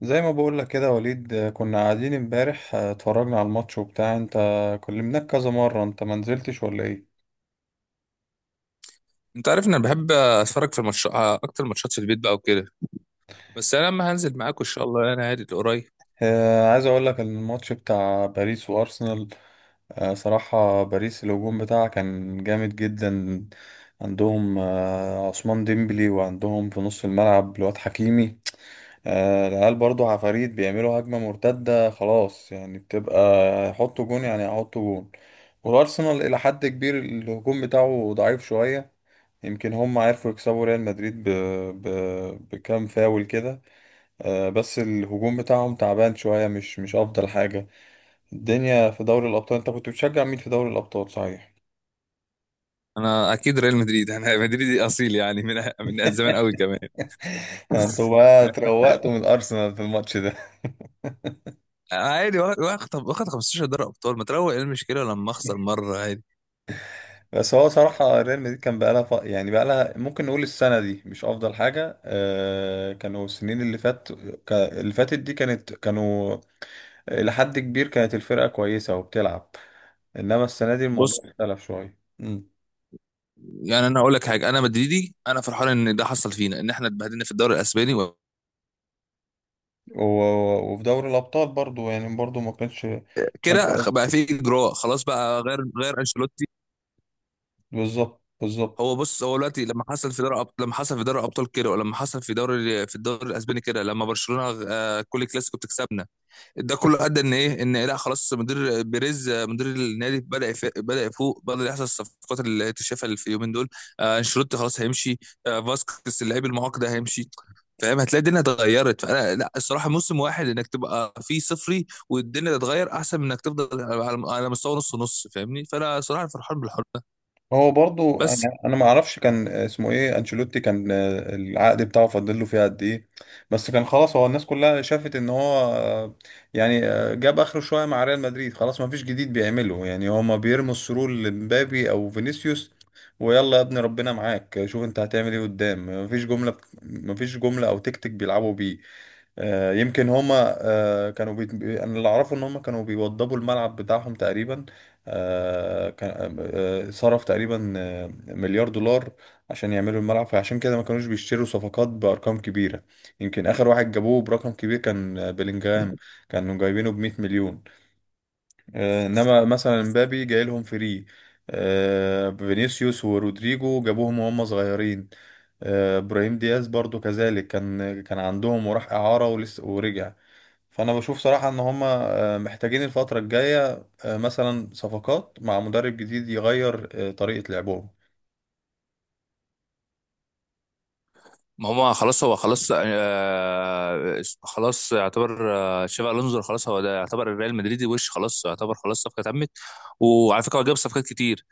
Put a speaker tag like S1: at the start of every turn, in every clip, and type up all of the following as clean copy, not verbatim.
S1: زي ما بقول لك كده وليد، كنا قاعدين امبارح، اتفرجنا على الماتش وبتاع. انت كلمناك كذا مرة انت ما نزلتش ولا ايه؟
S2: انت عارف ان انا بحب اتفرج في الماتش اكتر ماتشات في البيت بقى وكده. بس انا لما هنزل معاكم ان شاء الله انا عادي قريب.
S1: عايز اقول لك ان الماتش بتاع باريس وارسنال. صراحة باريس الهجوم بتاعها كان جامد جدا. عندهم عثمان ديمبلي، وعندهم في نص الملعب الواد حكيمي. العيال برضو عفاريت، بيعملوا هجمة مرتدة خلاص، يعني بتبقى يحطوا جون، يعني يحطوا جون. والارسنال الى حد كبير الهجوم بتاعه ضعيف شوية. يمكن هم عرفوا يكسبوا ريال مدريد ب... بكام فاول كده. بس الهجوم بتاعهم تعبان شوية، مش أفضل حاجة الدنيا في دوري الأبطال. أنت كنت بتشجع مين في دوري الأبطال صحيح؟
S2: انا اكيد ريال مدريد. انا مدريدي اصيل يعني من زمان قوي كمان.
S1: أنتوا بقى اتروقتوا من الأرسنال في الماتش ده؟
S2: انا عادي واخد 15 دوري ابطال، ما تروق ايه المشكله لما اخسر مره عادي.
S1: بس هو صراحة ريال مدريد كان بقالها يعني بقالها، ممكن نقول السنة دي مش أفضل حاجة. آه، كانوا السنين اللي اللي فاتت دي، كانوا إلى حد كبير كانت الفرقة كويسة وبتلعب. إنما السنة دي الموضوع
S2: بص،
S1: اختلف شوية.
S2: يعني انا هقول لك حاجه، انا مدريدي، انا فرحان ان ده حصل فينا، ان احنا اتبهدلنا في الدوري الاسباني
S1: وفي دوري الأبطال برضو، يعني برضو ما كانش.
S2: كده بقى في اجراء، خلاص بقى غير انشيلوتي.
S1: بالظبط، بالظبط.
S2: هو دلوقتي لما حصل في دوري الابطال كده، ولما حصل في الدوري الاسباني كده، لما برشلونه كل كلاسيكو بتكسبنا، ده كله ادى ان لا خلاص، مدير بيريز مدير النادي بدا بدا يفوق، بدا يحصل الصفقات اللي اتشافها اللي في اليومين دول. انشيلوتي خلاص هيمشي. فاسكس اللاعب المعاق ده هيمشي. فاهم، هتلاقي الدنيا اتغيرت. فانا لا، الصراحه موسم واحد انك تبقى فيه صفري والدنيا تتغير احسن من انك تفضل على مستوى نص فاهمني، فانا صراحه فرحان بالحوار ده.
S1: هو برضو أنا
S2: بس
S1: أنا ما أعرفش كان اسمه إيه أنشيلوتي، كان العقد بتاعه فاضل له فيه قد إيه، بس كان خلاص هو الناس كلها شافت إن هو، جاب آخره شوية مع ريال مدريد، خلاص ما فيش جديد بيعمله. يعني هما بيرموا السرور لمبابي أو فينيسيوس، ويلا يا ابني ربنا معاك شوف انت هتعمل ايه قدام. مفيش جملة، او تكتيك بيلعبوا بيه. يمكن هما انا اللي اعرفه ان هما كانوا بيوضبوا الملعب بتاعهم تقريبا. آه، كان آه، صرف تقريبا مليار دولار عشان يعملوا الملعب، فعشان كده ما كانوش بيشتروا صفقات بارقام كبيره. يمكن اخر واحد جابوه برقم كبير كان بيلينجهام، كانوا جايبينه ب 100 مليون. انما مثلا مبابي جاي لهم فري. فينيسيوس ورودريجو جابوهم وهم صغيرين. ابراهيم دياز برضو كذلك، كان عندهم وراح اعاره ولسه ورجع. فانا بشوف صراحة ان هما محتاجين الفترة الجاية، مثلا صفقات مع مدرب جديد يغير طريقة لعبهم.
S2: ما هو خلاص يعتبر شافي الونزو، خلاص هو ده يعتبر الريال مدريدي وش، خلاص يعتبر خلاص صفقه تمت. وعلى فكره هو جاب صفقات كتير.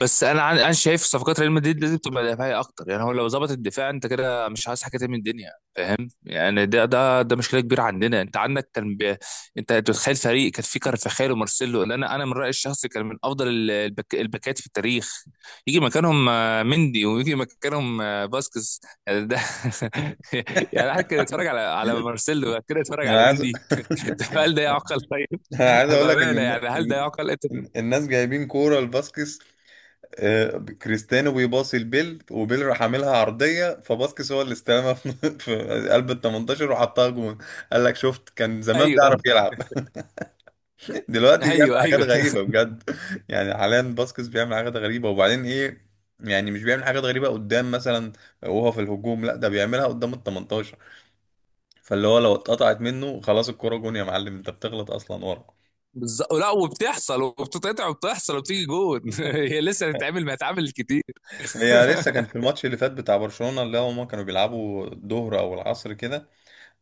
S2: بس انا شايف صفقات ريال مدريد لازم تبقى دفاعيه اكتر، يعني هو لو ظبط الدفاع انت كده مش عايز حاجه تاني من الدنيا، فاهم يعني؟ ده مشكله كبيره عندنا. انت عندك كان انت تتخيل فريق كان فيه كارفاخال ومارسيلو، اللي انا من رايي الشخصي كان من افضل الباكات في التاريخ، يجي مكانهم مندي ويجي مكانهم باسكس. يعني ده يعني واحد كان يتفرج على مارسيلو بعد كده يتفرج
S1: يعني
S2: على
S1: انا عايز
S2: مندي. هل ده يعقل طيب؟
S1: انا عايز اقول لك ان
S2: بامانه يعني هل ده
S1: الن-
S2: يعقل انت؟
S1: الناس جايبين كورة لباسكس. كريستيانو بيباصي لبيل، وبيل راح عاملها عرضية، فباسكس هو اللي استلمها في في قلب ال 18 وحطها جون. قال لك شفت كان زمان
S2: ايوه.
S1: بيعرف يلعب، دلوقتي بيعمل
S2: ايوه
S1: حاجات
S2: ايوه.
S1: غريبة بجد. يعني حاليا باسكس بيعمل حاجات غريبة. وبعدين ايه، يعني مش بيعمل حاجات غريبة قدام مثلا وهو في الهجوم، لا ده بيعملها قدام ال 18، فاللي هو لو اتقطعت منه خلاص الكرة جون يا معلم. انت بتغلط اصلا ورا.
S2: بالظبط، لا وبتحصل وبتتقطع وبتحصل وبتيجي جون. هي لسه هتتعمل، ما هتتعمل كتير.
S1: هي لسه كان في الماتش اللي فات بتاع برشلونة، اللي هما كانوا بيلعبوا الظهر او العصر كده.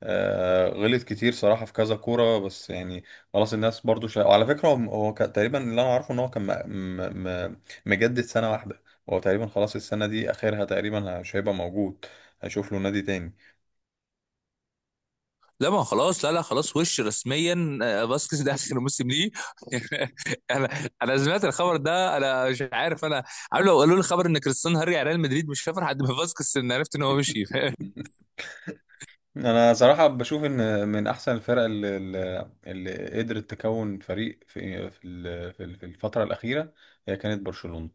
S1: غلط كتير صراحة في كذا كورة، بس يعني خلاص الناس برضو وعلى فكرة تقريبا اللي أنا عارفه إن هو كان م... مجدد 1 سنة، هو تقريبا خلاص السنة دي آخرها، تقريبا مش هيبقى موجود، هيشوف له نادي تاني.
S2: لا ما خلاص، لا لا خلاص وش، رسميا فاسكيز ده اخر موسم ليه. انا، انا سمعت الخبر ده، انا مش عارف، انا عارف لو قالوا لي خبر ان كريستيانو هاري على ريال مدريد مش هفرح قد ما فاسكيز، ان عرفت ان هو ممشي. فاهم؟
S1: أنا صراحة بشوف إن من أحسن الفرق اللي قدرت تكون فريق في الفترة الأخيرة، هي كانت برشلونة.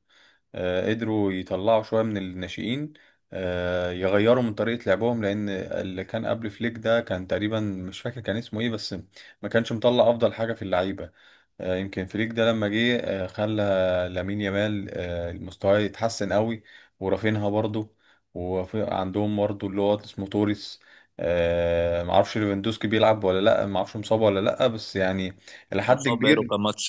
S1: قدروا يطلعوا شوية من الناشئين، يغيروا من طريقة لعبهم، لأن اللي كان قبل فليك ده كان تقريبا مش فاكر كان اسمه إيه، بس ما كانش مطلع أفضل حاجة في اللعيبة. يمكن فليك ده لما جه خلى لامين يامال مستواه يتحسن قوي، ورافينها برضه، وعندهم برضه اللي هو اسمه توريس. معرفش ليفاندوسكي بيلعب ولا لأ، معرفش مصاب ولا لأ، بس يعني إلى حد
S2: مصاب بقاله
S1: كبير.
S2: كام ماتش؟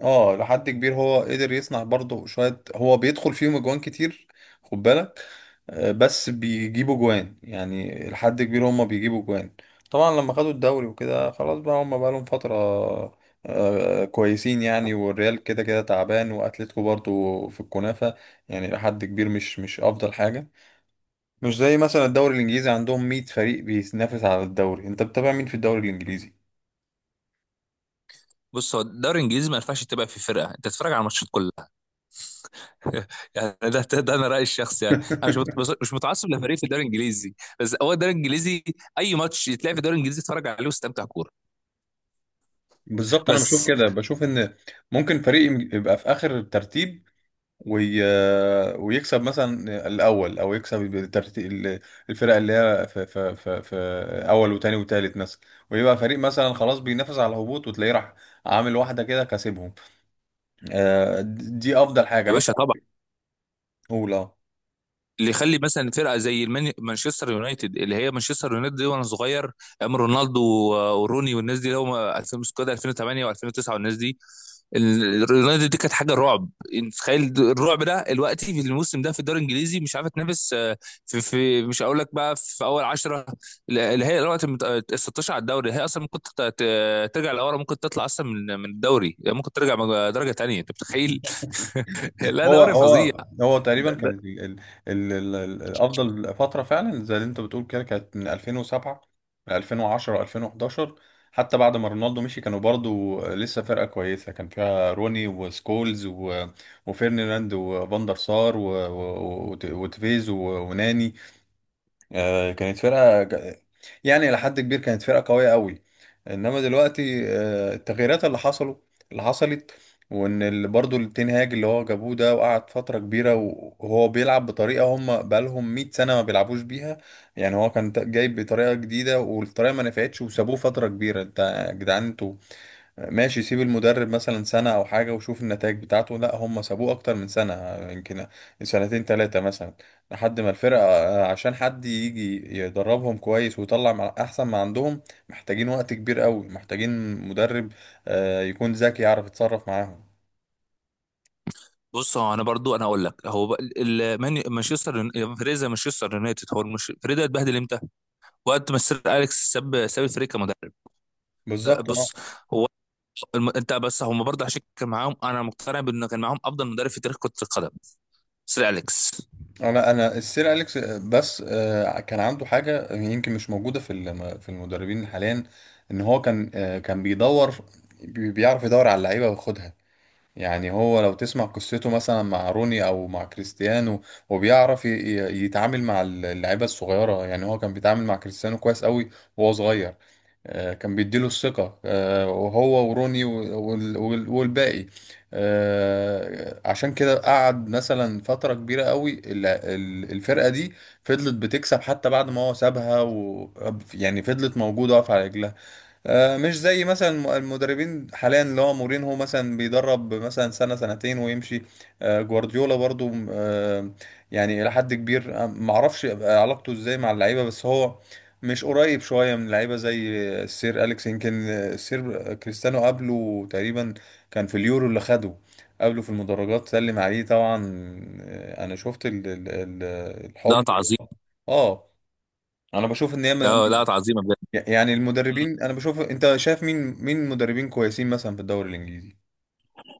S1: اه لحد كبير هو قدر يصنع برضه شوية، هو بيدخل فيهم اجوان كتير، خد بالك. بس بيجيبوا جوان، يعني لحد كبير هما بيجيبوا جوان. طبعا لما خدوا الدوري وكده خلاص بقى هما بقى لهم فترة كويسين، يعني والريال كده كده تعبان، واتلتيكو برضه في الكنافة، يعني لحد كبير مش افضل حاجة. مش زي مثلا الدوري الانجليزي، عندهم 100 فريق بينافس على الدوري. انت بتتابع مين في الدوري الانجليزي؟
S2: بص هو الدوري الانجليزي ما ينفعش تبقى في فرقه، انت تتفرج على الماتشات كلها. يعني ده انا رايي الشخصي، يعني انا مش مت- بص- مش متعصب لفريق في الدوري الانجليزي. بس هو الدوري الانجليزي، اي ماتش يتلعب في الدوري الانجليزي اتفرج عليه واستمتع كوره.
S1: بالظبط، انا بشوف
S2: بس
S1: كده، بشوف ان ممكن يبقى في اخر الترتيب وي... ويكسب مثلا الاول، او يكسب الترتيب الفرق اللي هي في اول وتاني وتالت مثلا، ويبقى فريق مثلا خلاص بينافس على الهبوط وتلاقيه راح عامل واحده كده كاسبهم. آه، دي افضل حاجه
S2: يا
S1: انا
S2: باشا،
S1: صراحه اقول.
S2: اللي يخلي مثلا فرقه زي مانشستر يونايتد، اللي هي مانشستر يونايتد دي وانا صغير، ايام رونالدو وروني والناس دي، اللي هم 2000 سكواد 2008 و2009 والناس دي، اليونايتد دي كانت حاجه رعب. انت تخيل الرعب ده دلوقتي في الموسم ده في الدوري الانجليزي مش عارفه تنافس. في مش هقول لك بقى في اول 10، اللي هي الوقت ال 16 على الدوري، هي اصلا ممكن ترجع لورا، ممكن تطلع اصلا من الدوري، ممكن ترجع درجه تانيه، انت متخيل؟ لا
S1: هو
S2: دوري فظيع.
S1: هو هو تقريبا كانت افضل فتره فعلا زي اللي انت بتقول كده، كانت من 2007 ل 2010 2011. حتى بعد ما رونالدو مشي كانوا برضو لسه فرقه كويسه، كان فيها روني وسكولز وفيرناند وفاندر سار وتيفيز وناني. آه، كانت فرقة ج- يعني إلى حد كبير كانت فرقة قوية قوي. إنما دلوقتي التغييرات اللي حصلت، وإن برضو التنهاج اللي هو جابوه ده وقعد فترة كبيرة وهو بيلعب بطريقة هم بقالهم 100 سنة ما بيلعبوش بيها. يعني هو كان جايب بطريقة جديدة، والطريقة ما نفعتش، وسابوه فترة كبيرة. أنت يا جدعان أنتوا ماشي سيب المدرب مثلا سنة أو حاجة وشوف النتائج بتاعته، لا هم سابوه أكتر من سنة، يمكن سنتين تلاتة مثلا، لحد ما الفرقة آه، عشان حد يجي يدربهم كويس ويطلع مع أحسن ما عندهم. محتاجين وقت كبير قوي، محتاجين مدرب يكون ذكي يعرف يتصرف معاهم.
S2: بص هو انا برضو اقول لك، هو بقى فريزا مانشستر يونايتد، هو مش فريزا، اتبهدل امتى؟ وقت ما سير اليكس ساب الفريق كمدرب. لا،
S1: بالظبط اه.
S2: بص، هو انت بس، هم برضه عشان كان معاهم، انا مقتنع بانه كان معاهم افضل مدرب في تاريخ كرة القدم، سير اليكس.
S1: لا انا السير اليكس، آه، بس آه، كان عنده حاجه يمكن مش موجوده في في المدربين حاليا، ان هو كان بيدور، بيعرف يدور على اللعيبه وياخدها. يعني هو لو تسمع قصته مثلا مع روني او مع كريستيانو، هو بيعرف يتعامل مع اللعيبه الصغيره. يعني هو كان بيتعامل مع كريستيانو كويس قوي وهو صغير، كان بيديله الثقه، وهو وروني والباقي. عشان كده قعد مثلا فتره كبيره قوي، الفرقه دي فضلت بتكسب حتى بعد ما هو سابها، و يعني فضلت موجوده واقفه على رجلها. مش زي مثلا المدربين حاليا، اللي هو مورينهو مثلا بيدرب مثلا سنة سنتين ويمشي. جوارديولا برضو يعني إلى حد كبير معرفش يبقى علاقته ازاي مع اللعيبة، بس هو مش قريب شوية من اللعيبة زي السير أليكس. يمكن السير كريستيانو قبله تقريبا، كان في اليورو اللي خده قبله في المدرجات سلم عليه طبعا. أنا شفت
S2: لا
S1: الحضن
S2: تعظيم.
S1: اه. انا بشوف ان هي
S2: لا لا تعظيم.
S1: يعني المدربين، انا بشوف انت شايف مين، مين مدربين كويسين مثلا في الدوري الانجليزي.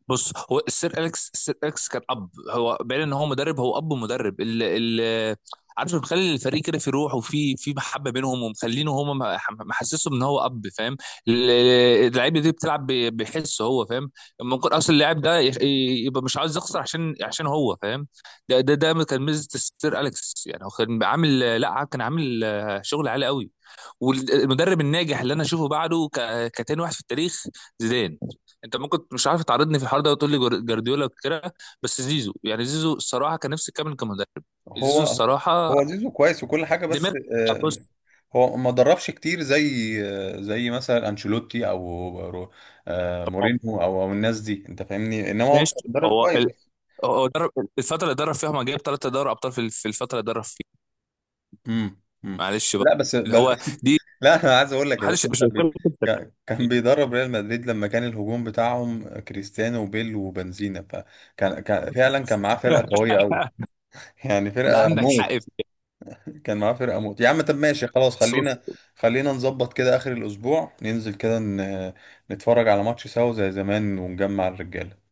S2: بص هو السير اليكس كان اب، هو بعيد ان هو مدرب، هو اب ومدرب ال ال عارف، مخلي الفريق كده في روح وفي في محبه بينهم، ومخلينه هم، محسسهم ان هو اب، فاهم؟ ال- اللعيبه دي بتلعب بحس، هو فاهم، ممكن اصلا اللاعب ده يبقى مش عاوز يخسر عشان عشان هو فاهم. ده كان ميزه السير اليكس، يعني هو كان عامل، لا كان عامل شغل عالي قوي. والمدرب الناجح اللي انا اشوفه بعده كتاني واحد في التاريخ، زيدان. انت ممكن مش عارف تعرضني في الحوار ده وتقول لي جارديولا وكده، بس زيزو يعني، زيزو الصراحه كان نفسي يكمل كمدرب. زيزو
S1: هو
S2: الصراحه
S1: هو زيزو كويس وكل حاجه،
S2: دماغ.
S1: بس
S2: بص
S1: هو ما دربش كتير زي زي مثلا انشيلوتي او
S2: هو-
S1: مورينهو أو الناس دي، انت فاهمني، انما هو كان
S2: ماشي،
S1: مدرب
S2: هو
S1: كويس بس.
S2: هو درب الفتره اللي درب فيها ما جاب ثلاثه دوري ابطال في في الفتره اللي درب فيها.
S1: امم.
S2: معلش
S1: لا
S2: بقى،
S1: بس
S2: اللي هو دي،
S1: لا انا عايز اقول لك يا
S2: محدش
S1: باشا
S2: مش هيتكلم كده.
S1: كان بيدرب ريال مدريد لما كان الهجوم بتاعهم كريستيانو وبيل وبنزينا، فكان كان فعلا كان معاه فرقه قويه قوي، يعني
S2: ده
S1: فرقة
S2: عندك حق
S1: موت.
S2: فيه.
S1: كان معاه فرقة موت يا عم. طب ماشي خلاص،
S2: بس
S1: خلينا
S2: بص،
S1: خلينا نظبط كده آخر الأسبوع ننزل كده نتفرج على ماتش سوا زي زمان ونجمع الرجالة.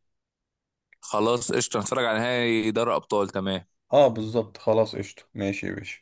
S2: خلاص قشطه نتفرج على نهائي دوري ابطال، تمام.
S1: اه بالظبط، خلاص قشطة، ماشي يا باشا.